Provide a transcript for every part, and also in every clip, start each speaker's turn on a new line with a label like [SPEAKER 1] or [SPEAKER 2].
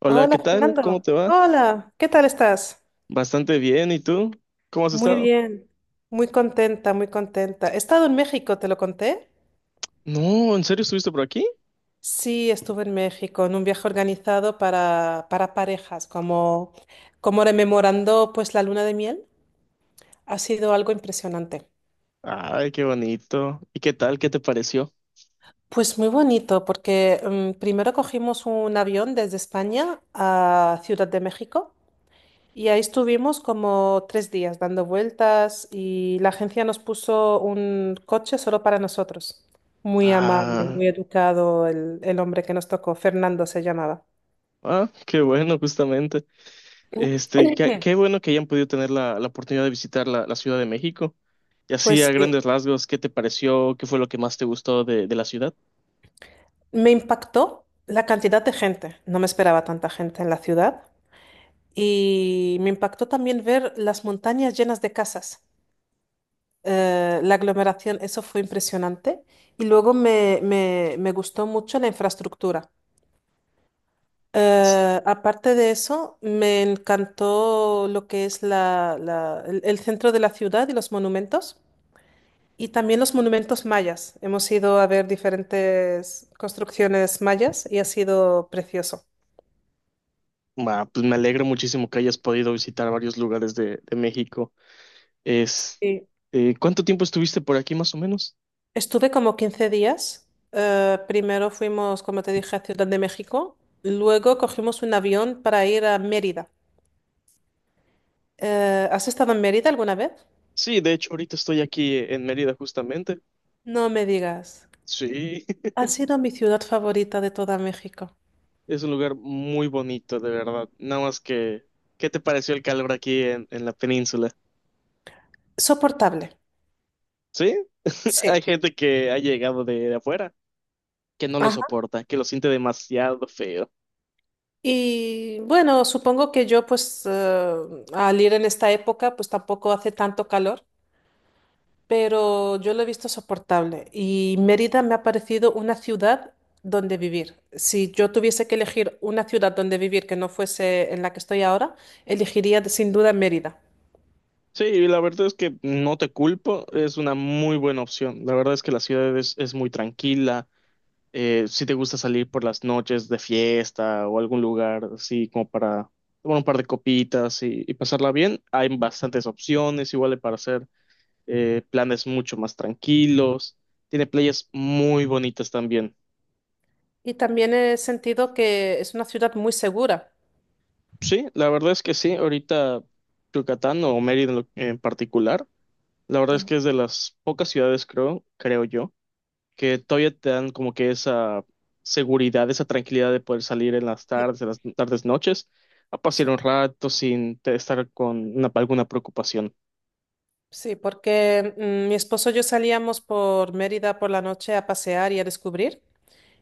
[SPEAKER 1] Hola, ¿qué
[SPEAKER 2] Hola
[SPEAKER 1] tal? ¿Cómo
[SPEAKER 2] Fernando,
[SPEAKER 1] te va?
[SPEAKER 2] hola, ¿qué tal estás?
[SPEAKER 1] Bastante bien, ¿y tú? ¿Cómo has
[SPEAKER 2] Muy
[SPEAKER 1] estado?
[SPEAKER 2] bien, muy contenta, muy contenta. He estado en México, ¿te lo conté?
[SPEAKER 1] No, ¿en serio estuviste por aquí?
[SPEAKER 2] Sí, estuve en México en un viaje organizado para parejas, como, como rememorando pues la luna de miel. Ha sido algo impresionante.
[SPEAKER 1] Ay, qué bonito. ¿Y qué tal? ¿Qué te pareció?
[SPEAKER 2] Pues muy bonito, porque primero cogimos un avión desde España a Ciudad de México. Y ahí estuvimos como 3 días dando vueltas y la agencia nos puso un coche solo para nosotros. Muy amable,
[SPEAKER 1] Ah,
[SPEAKER 2] muy educado el hombre que nos tocó, Fernando se llamaba.
[SPEAKER 1] ah, qué bueno, justamente. Este, qué bueno que hayan podido tener la oportunidad de visitar la Ciudad de México. Y así,
[SPEAKER 2] Pues
[SPEAKER 1] a
[SPEAKER 2] sí,
[SPEAKER 1] grandes rasgos, ¿qué te pareció? ¿Qué fue lo que más te gustó de la ciudad?
[SPEAKER 2] me impactó la cantidad de gente. No me esperaba tanta gente en la ciudad. Y me impactó también ver las montañas llenas de casas. La aglomeración, eso fue impresionante. Y luego me gustó mucho la infraestructura. Aparte de eso, me encantó lo que es el centro de la ciudad y los monumentos, y también los monumentos mayas. Hemos ido a ver diferentes construcciones mayas y ha sido precioso.
[SPEAKER 1] Ah, pues me alegro muchísimo que hayas podido visitar varios lugares de México. Es,
[SPEAKER 2] Sí.
[SPEAKER 1] ¿Cuánto tiempo estuviste por aquí más o menos?
[SPEAKER 2] Estuve como 15 días. Primero fuimos, como te dije, a Ciudad de México. Luego cogimos un avión para ir a Mérida. ¿Has estado en Mérida alguna vez?
[SPEAKER 1] Sí, de hecho, ahorita estoy aquí en Mérida justamente.
[SPEAKER 2] No me digas.
[SPEAKER 1] Sí,
[SPEAKER 2] Ha sido mi ciudad favorita de toda México.
[SPEAKER 1] es un lugar muy bonito, de verdad. Nada más que, ¿qué te pareció el calor aquí en la península?
[SPEAKER 2] Soportable.
[SPEAKER 1] Sí,
[SPEAKER 2] Sí.
[SPEAKER 1] hay gente que ha llegado de afuera que no lo
[SPEAKER 2] Ajá.
[SPEAKER 1] soporta, que lo siente demasiado feo.
[SPEAKER 2] Y bueno, supongo que yo pues al ir en esta época pues tampoco hace tanto calor, pero yo lo he visto soportable y Mérida me ha parecido una ciudad donde vivir. Si yo tuviese que elegir una ciudad donde vivir que no fuese en la que estoy ahora, elegiría sin duda Mérida.
[SPEAKER 1] Sí, y la verdad es que no te culpo, es una muy buena opción. La verdad es que la ciudad es muy tranquila, si te gusta salir por las noches de fiesta o algún lugar así como para tomar un par de copitas y pasarla bien, hay bastantes opciones, igual para hacer planes mucho más tranquilos. Tiene playas muy bonitas también.
[SPEAKER 2] Y también he sentido que es una ciudad muy segura.
[SPEAKER 1] Sí, la verdad es que sí, ahorita Yucatán o Mérida en, en particular, la verdad es
[SPEAKER 2] Ujú.
[SPEAKER 1] que es de las pocas ciudades, creo yo que todavía te dan como que esa seguridad, esa tranquilidad de poder salir en las tardes, noches, a pasear
[SPEAKER 2] Sí,
[SPEAKER 1] un rato sin estar con alguna preocupación.
[SPEAKER 2] sí, porque mi esposo y yo salíamos por Mérida por la noche a pasear y a descubrir.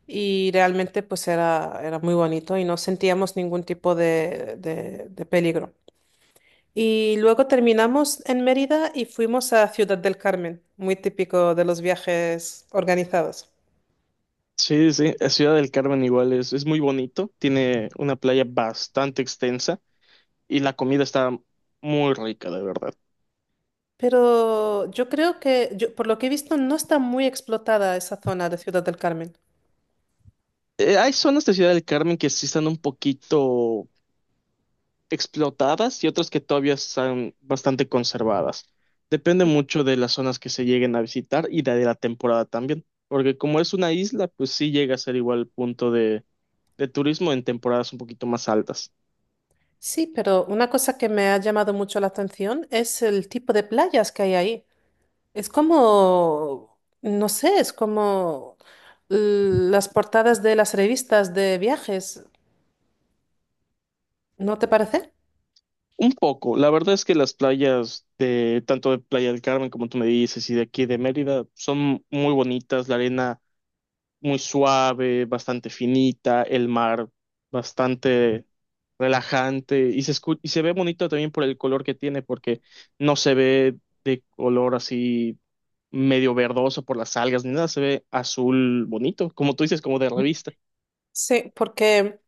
[SPEAKER 2] Y realmente pues era, era muy bonito y no sentíamos ningún tipo de, de peligro. Y luego terminamos en Mérida y fuimos a Ciudad del Carmen, muy típico de los viajes organizados.
[SPEAKER 1] Sí, sí, sí, la Ciudad del Carmen igual es muy bonito, tiene una playa bastante extensa y la comida está muy rica, de verdad.
[SPEAKER 2] Pero yo creo que, por lo que he visto, no está muy explotada esa zona de Ciudad del Carmen.
[SPEAKER 1] Hay zonas de Ciudad del Carmen que sí están un poquito explotadas y otras que todavía están bastante conservadas. Depende mucho de las zonas que se lleguen a visitar y de la temporada también, porque como es una isla, pues sí llega a ser igual punto de turismo en temporadas un poquito más altas.
[SPEAKER 2] Sí, pero una cosa que me ha llamado mucho la atención es el tipo de playas que hay ahí. Es como, no sé, es como las portadas de las revistas de viajes, ¿no te parece?
[SPEAKER 1] Un poco, la verdad es que las playas de tanto de Playa del Carmen como tú me dices y de aquí de Mérida son muy bonitas, la arena muy suave, bastante finita, el mar bastante relajante y y se ve bonito también por el color que tiene porque no se ve de color así medio verdoso por las algas ni nada, se ve azul bonito, como tú dices, como de revista.
[SPEAKER 2] Sí, porque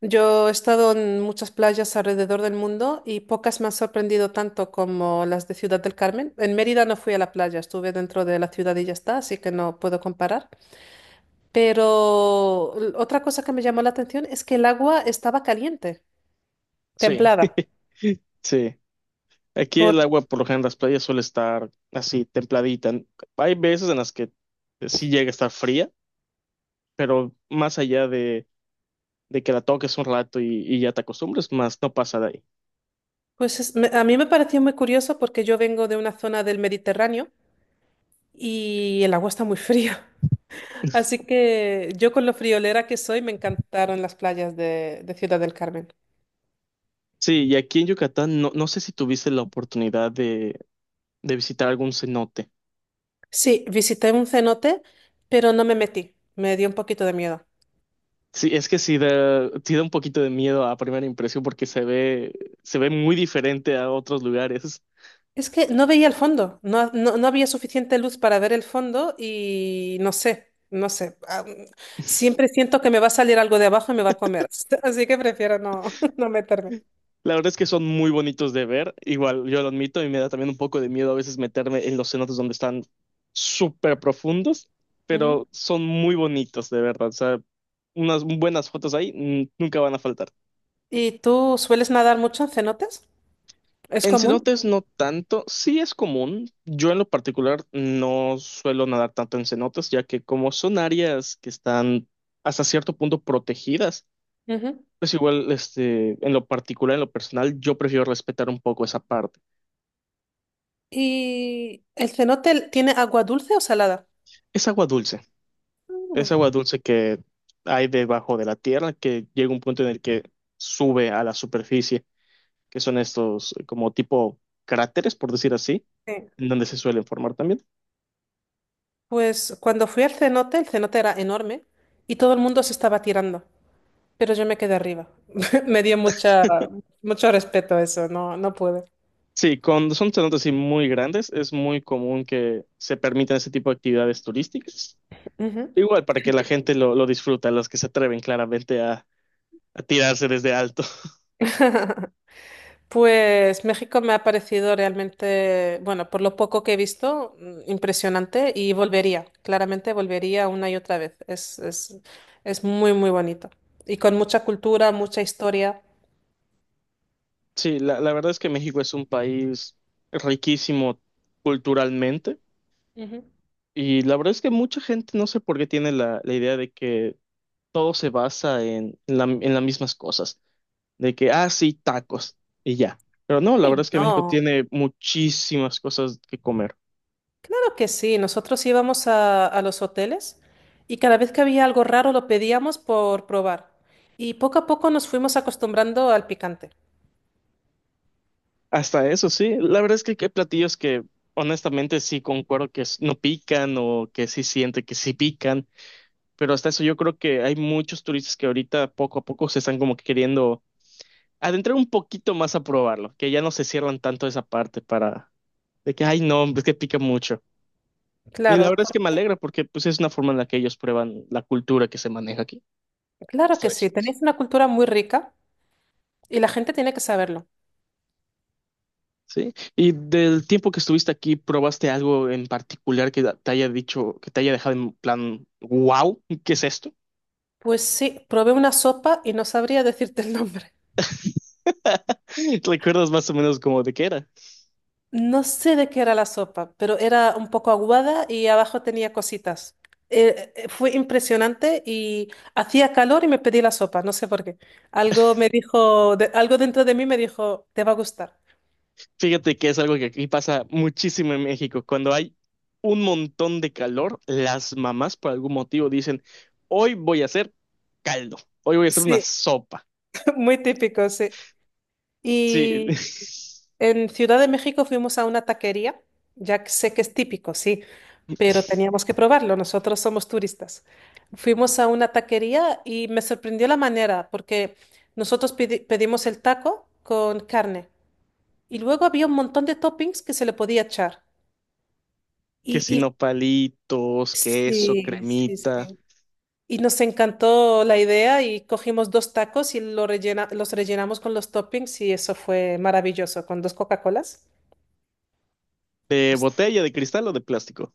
[SPEAKER 2] yo he estado en muchas playas alrededor del mundo y pocas me han sorprendido tanto como las de Ciudad del Carmen. En Mérida no fui a la playa, estuve dentro de la ciudad y ya está, así que no puedo comparar. Pero otra cosa que me llamó la atención es que el agua estaba caliente,
[SPEAKER 1] Sí,
[SPEAKER 2] templada,
[SPEAKER 1] sí. Aquí el
[SPEAKER 2] por-
[SPEAKER 1] agua por lo general en las playas suele estar así templadita. Hay veces en las que sí llega a estar fría, pero más allá de que la toques un rato y ya te acostumbres, más no pasa de ahí.
[SPEAKER 2] pues a mí me pareció muy curioso porque yo vengo de una zona del Mediterráneo y el agua está muy fría. Así que yo con lo friolera que soy me encantaron las playas de Ciudad del Carmen.
[SPEAKER 1] Sí, y aquí en Yucatán no, no sé si tuviste la oportunidad de visitar algún cenote.
[SPEAKER 2] Sí, visité un cenote, pero no me metí. Me dio un poquito de miedo.
[SPEAKER 1] Sí, es que sí da, sí da un poquito de miedo a primera impresión porque se ve muy diferente a otros lugares.
[SPEAKER 2] Es que no veía el fondo, no, no, no había suficiente luz para ver el fondo y no sé, no sé. Ah, siempre siento que me va a salir algo de abajo y me va a comer. Así que prefiero no, no meterme.
[SPEAKER 1] La verdad es que son muy bonitos de ver, igual yo lo admito y me da también un poco de miedo a veces meterme en los cenotes donde están súper profundos,
[SPEAKER 2] Ujú.
[SPEAKER 1] pero son muy bonitos de verdad. O sea, unas buenas fotos ahí nunca van a faltar.
[SPEAKER 2] ¿Y tú sueles nadar mucho en cenotes? ¿Es
[SPEAKER 1] En
[SPEAKER 2] común?
[SPEAKER 1] cenotes no tanto, sí es común. Yo en lo particular no suelo nadar tanto en cenotes, ya que como son áreas que están hasta cierto punto protegidas,
[SPEAKER 2] Ujú.
[SPEAKER 1] pues igual este, en lo particular, en lo personal, yo prefiero respetar un poco esa parte.
[SPEAKER 2] ¿Y el cenote tiene agua dulce o salada?
[SPEAKER 1] Es agua dulce, es
[SPEAKER 2] Mm,
[SPEAKER 1] agua dulce que hay debajo de la tierra, que llega un punto en el que sube a la superficie, que son estos como tipo cráteres, por decir así,
[SPEAKER 2] sí.
[SPEAKER 1] en donde se suelen formar también.
[SPEAKER 2] Pues cuando fui al cenote, el cenote era enorme y todo el mundo se estaba tirando, pero yo me quedé arriba. Me dio mucha, mucho respeto eso, no, no pude.
[SPEAKER 1] Sí, cuando son cenotes así muy grandes, es muy común que se permitan ese tipo de actividades turísticas.
[SPEAKER 2] Ujú.
[SPEAKER 1] Igual para que la gente lo disfruta, los que se atreven claramente a tirarse desde alto.
[SPEAKER 2] Pues México me ha parecido realmente, bueno, por lo poco que he visto, impresionante y volvería, claramente volvería una y otra vez. Es muy, muy bonito. Y con mucha cultura, mucha historia.
[SPEAKER 1] Sí, la verdad es que México es un país riquísimo culturalmente
[SPEAKER 2] Ujú.
[SPEAKER 1] y la verdad es que mucha gente no sé por qué tiene la idea de que todo se basa en, en las mismas cosas, de que, ah, sí, tacos y ya. Pero no, la verdad
[SPEAKER 2] Sí.
[SPEAKER 1] es que México
[SPEAKER 2] No,
[SPEAKER 1] tiene muchísimas cosas que comer.
[SPEAKER 2] claro que sí. Nosotros íbamos a los hoteles y cada vez que había algo raro lo pedíamos por probar. Y poco a poco nos fuimos acostumbrando al picante.
[SPEAKER 1] Hasta eso, sí. La verdad es que hay platillos que honestamente sí concuerdo que no pican o que sí siente que sí pican, pero hasta eso yo creo que hay muchos turistas que ahorita poco a poco se están como que queriendo adentrar un poquito más a probarlo, que ya no se cierran tanto esa parte para de que, ay, no, es que pica mucho. Y la
[SPEAKER 2] Claro,
[SPEAKER 1] verdad es que me alegra porque pues es una forma en la que ellos prueban la cultura que se maneja aquí, las
[SPEAKER 2] claro que sí.
[SPEAKER 1] tradiciones.
[SPEAKER 2] Tenéis una cultura muy rica y la gente tiene que saberlo.
[SPEAKER 1] Sí. Y del tiempo que estuviste aquí, ¿probaste algo en particular que te haya dicho, que te haya dejado en plan, wow, ¿qué es esto?
[SPEAKER 2] Pues sí, probé una sopa y no sabría decirte el nombre.
[SPEAKER 1] ¿Recuerdas más o menos cómo de qué era?
[SPEAKER 2] No sé de qué era la sopa, pero era un poco aguada y abajo tenía cositas. Fue impresionante y hacía calor y me pedí la sopa, no sé por qué. Algo me dijo, algo dentro de mí me dijo, te va a gustar.
[SPEAKER 1] Fíjate que es algo que aquí pasa muchísimo en México. Cuando hay un montón de calor, las mamás por algún motivo dicen, hoy voy a hacer caldo, hoy voy a hacer una
[SPEAKER 2] Sí,
[SPEAKER 1] sopa.
[SPEAKER 2] muy típico, sí.
[SPEAKER 1] Sí,
[SPEAKER 2] Y en Ciudad de México fuimos a una taquería, ya que sé que es típico, sí. Pero teníamos que probarlo, nosotros somos turistas. Fuimos a una taquería y me sorprendió la manera, porque nosotros pedimos el taco con carne y luego había un montón de toppings que se le podía echar.
[SPEAKER 1] que si
[SPEAKER 2] Y
[SPEAKER 1] no palitos, queso,
[SPEAKER 2] sí, sí,
[SPEAKER 1] cremita,
[SPEAKER 2] sí. Y nos encantó la idea y cogimos dos tacos y lo los rellenamos con los toppings y eso fue maravilloso, con dos Coca-Colas
[SPEAKER 1] de
[SPEAKER 2] pues,
[SPEAKER 1] botella, de cristal o de plástico.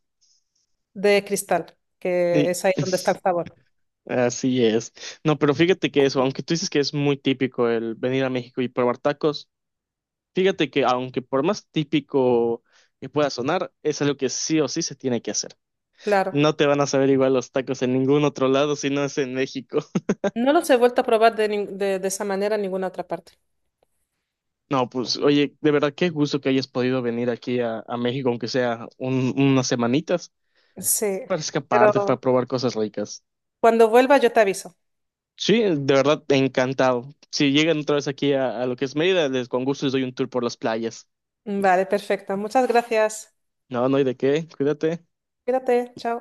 [SPEAKER 2] de cristal, que
[SPEAKER 1] Sí.
[SPEAKER 2] es ahí donde está el sabor.
[SPEAKER 1] Así es. No, pero fíjate que eso, aunque tú dices que es muy típico el venir a México y probar tacos, fíjate que aunque por más típico que pueda sonar, es algo que sí o sí se tiene que hacer.
[SPEAKER 2] Claro.
[SPEAKER 1] No te van a saber igual los tacos en ningún otro lado si no es en México.
[SPEAKER 2] No los he vuelto a probar de, de esa manera en ninguna otra parte.
[SPEAKER 1] No, pues oye, de verdad qué gusto que hayas podido venir aquí a México, aunque sea unas semanitas,
[SPEAKER 2] Sí,
[SPEAKER 1] para
[SPEAKER 2] pero
[SPEAKER 1] escaparte, para probar cosas ricas.
[SPEAKER 2] cuando vuelva yo te aviso.
[SPEAKER 1] Sí, de verdad, encantado. Si llegan otra vez aquí a lo que es Mérida, les con gusto les doy un tour por las playas.
[SPEAKER 2] Vale, perfecto. Muchas gracias.
[SPEAKER 1] No, no hay de qué, cuídate.
[SPEAKER 2] Cuídate, chao.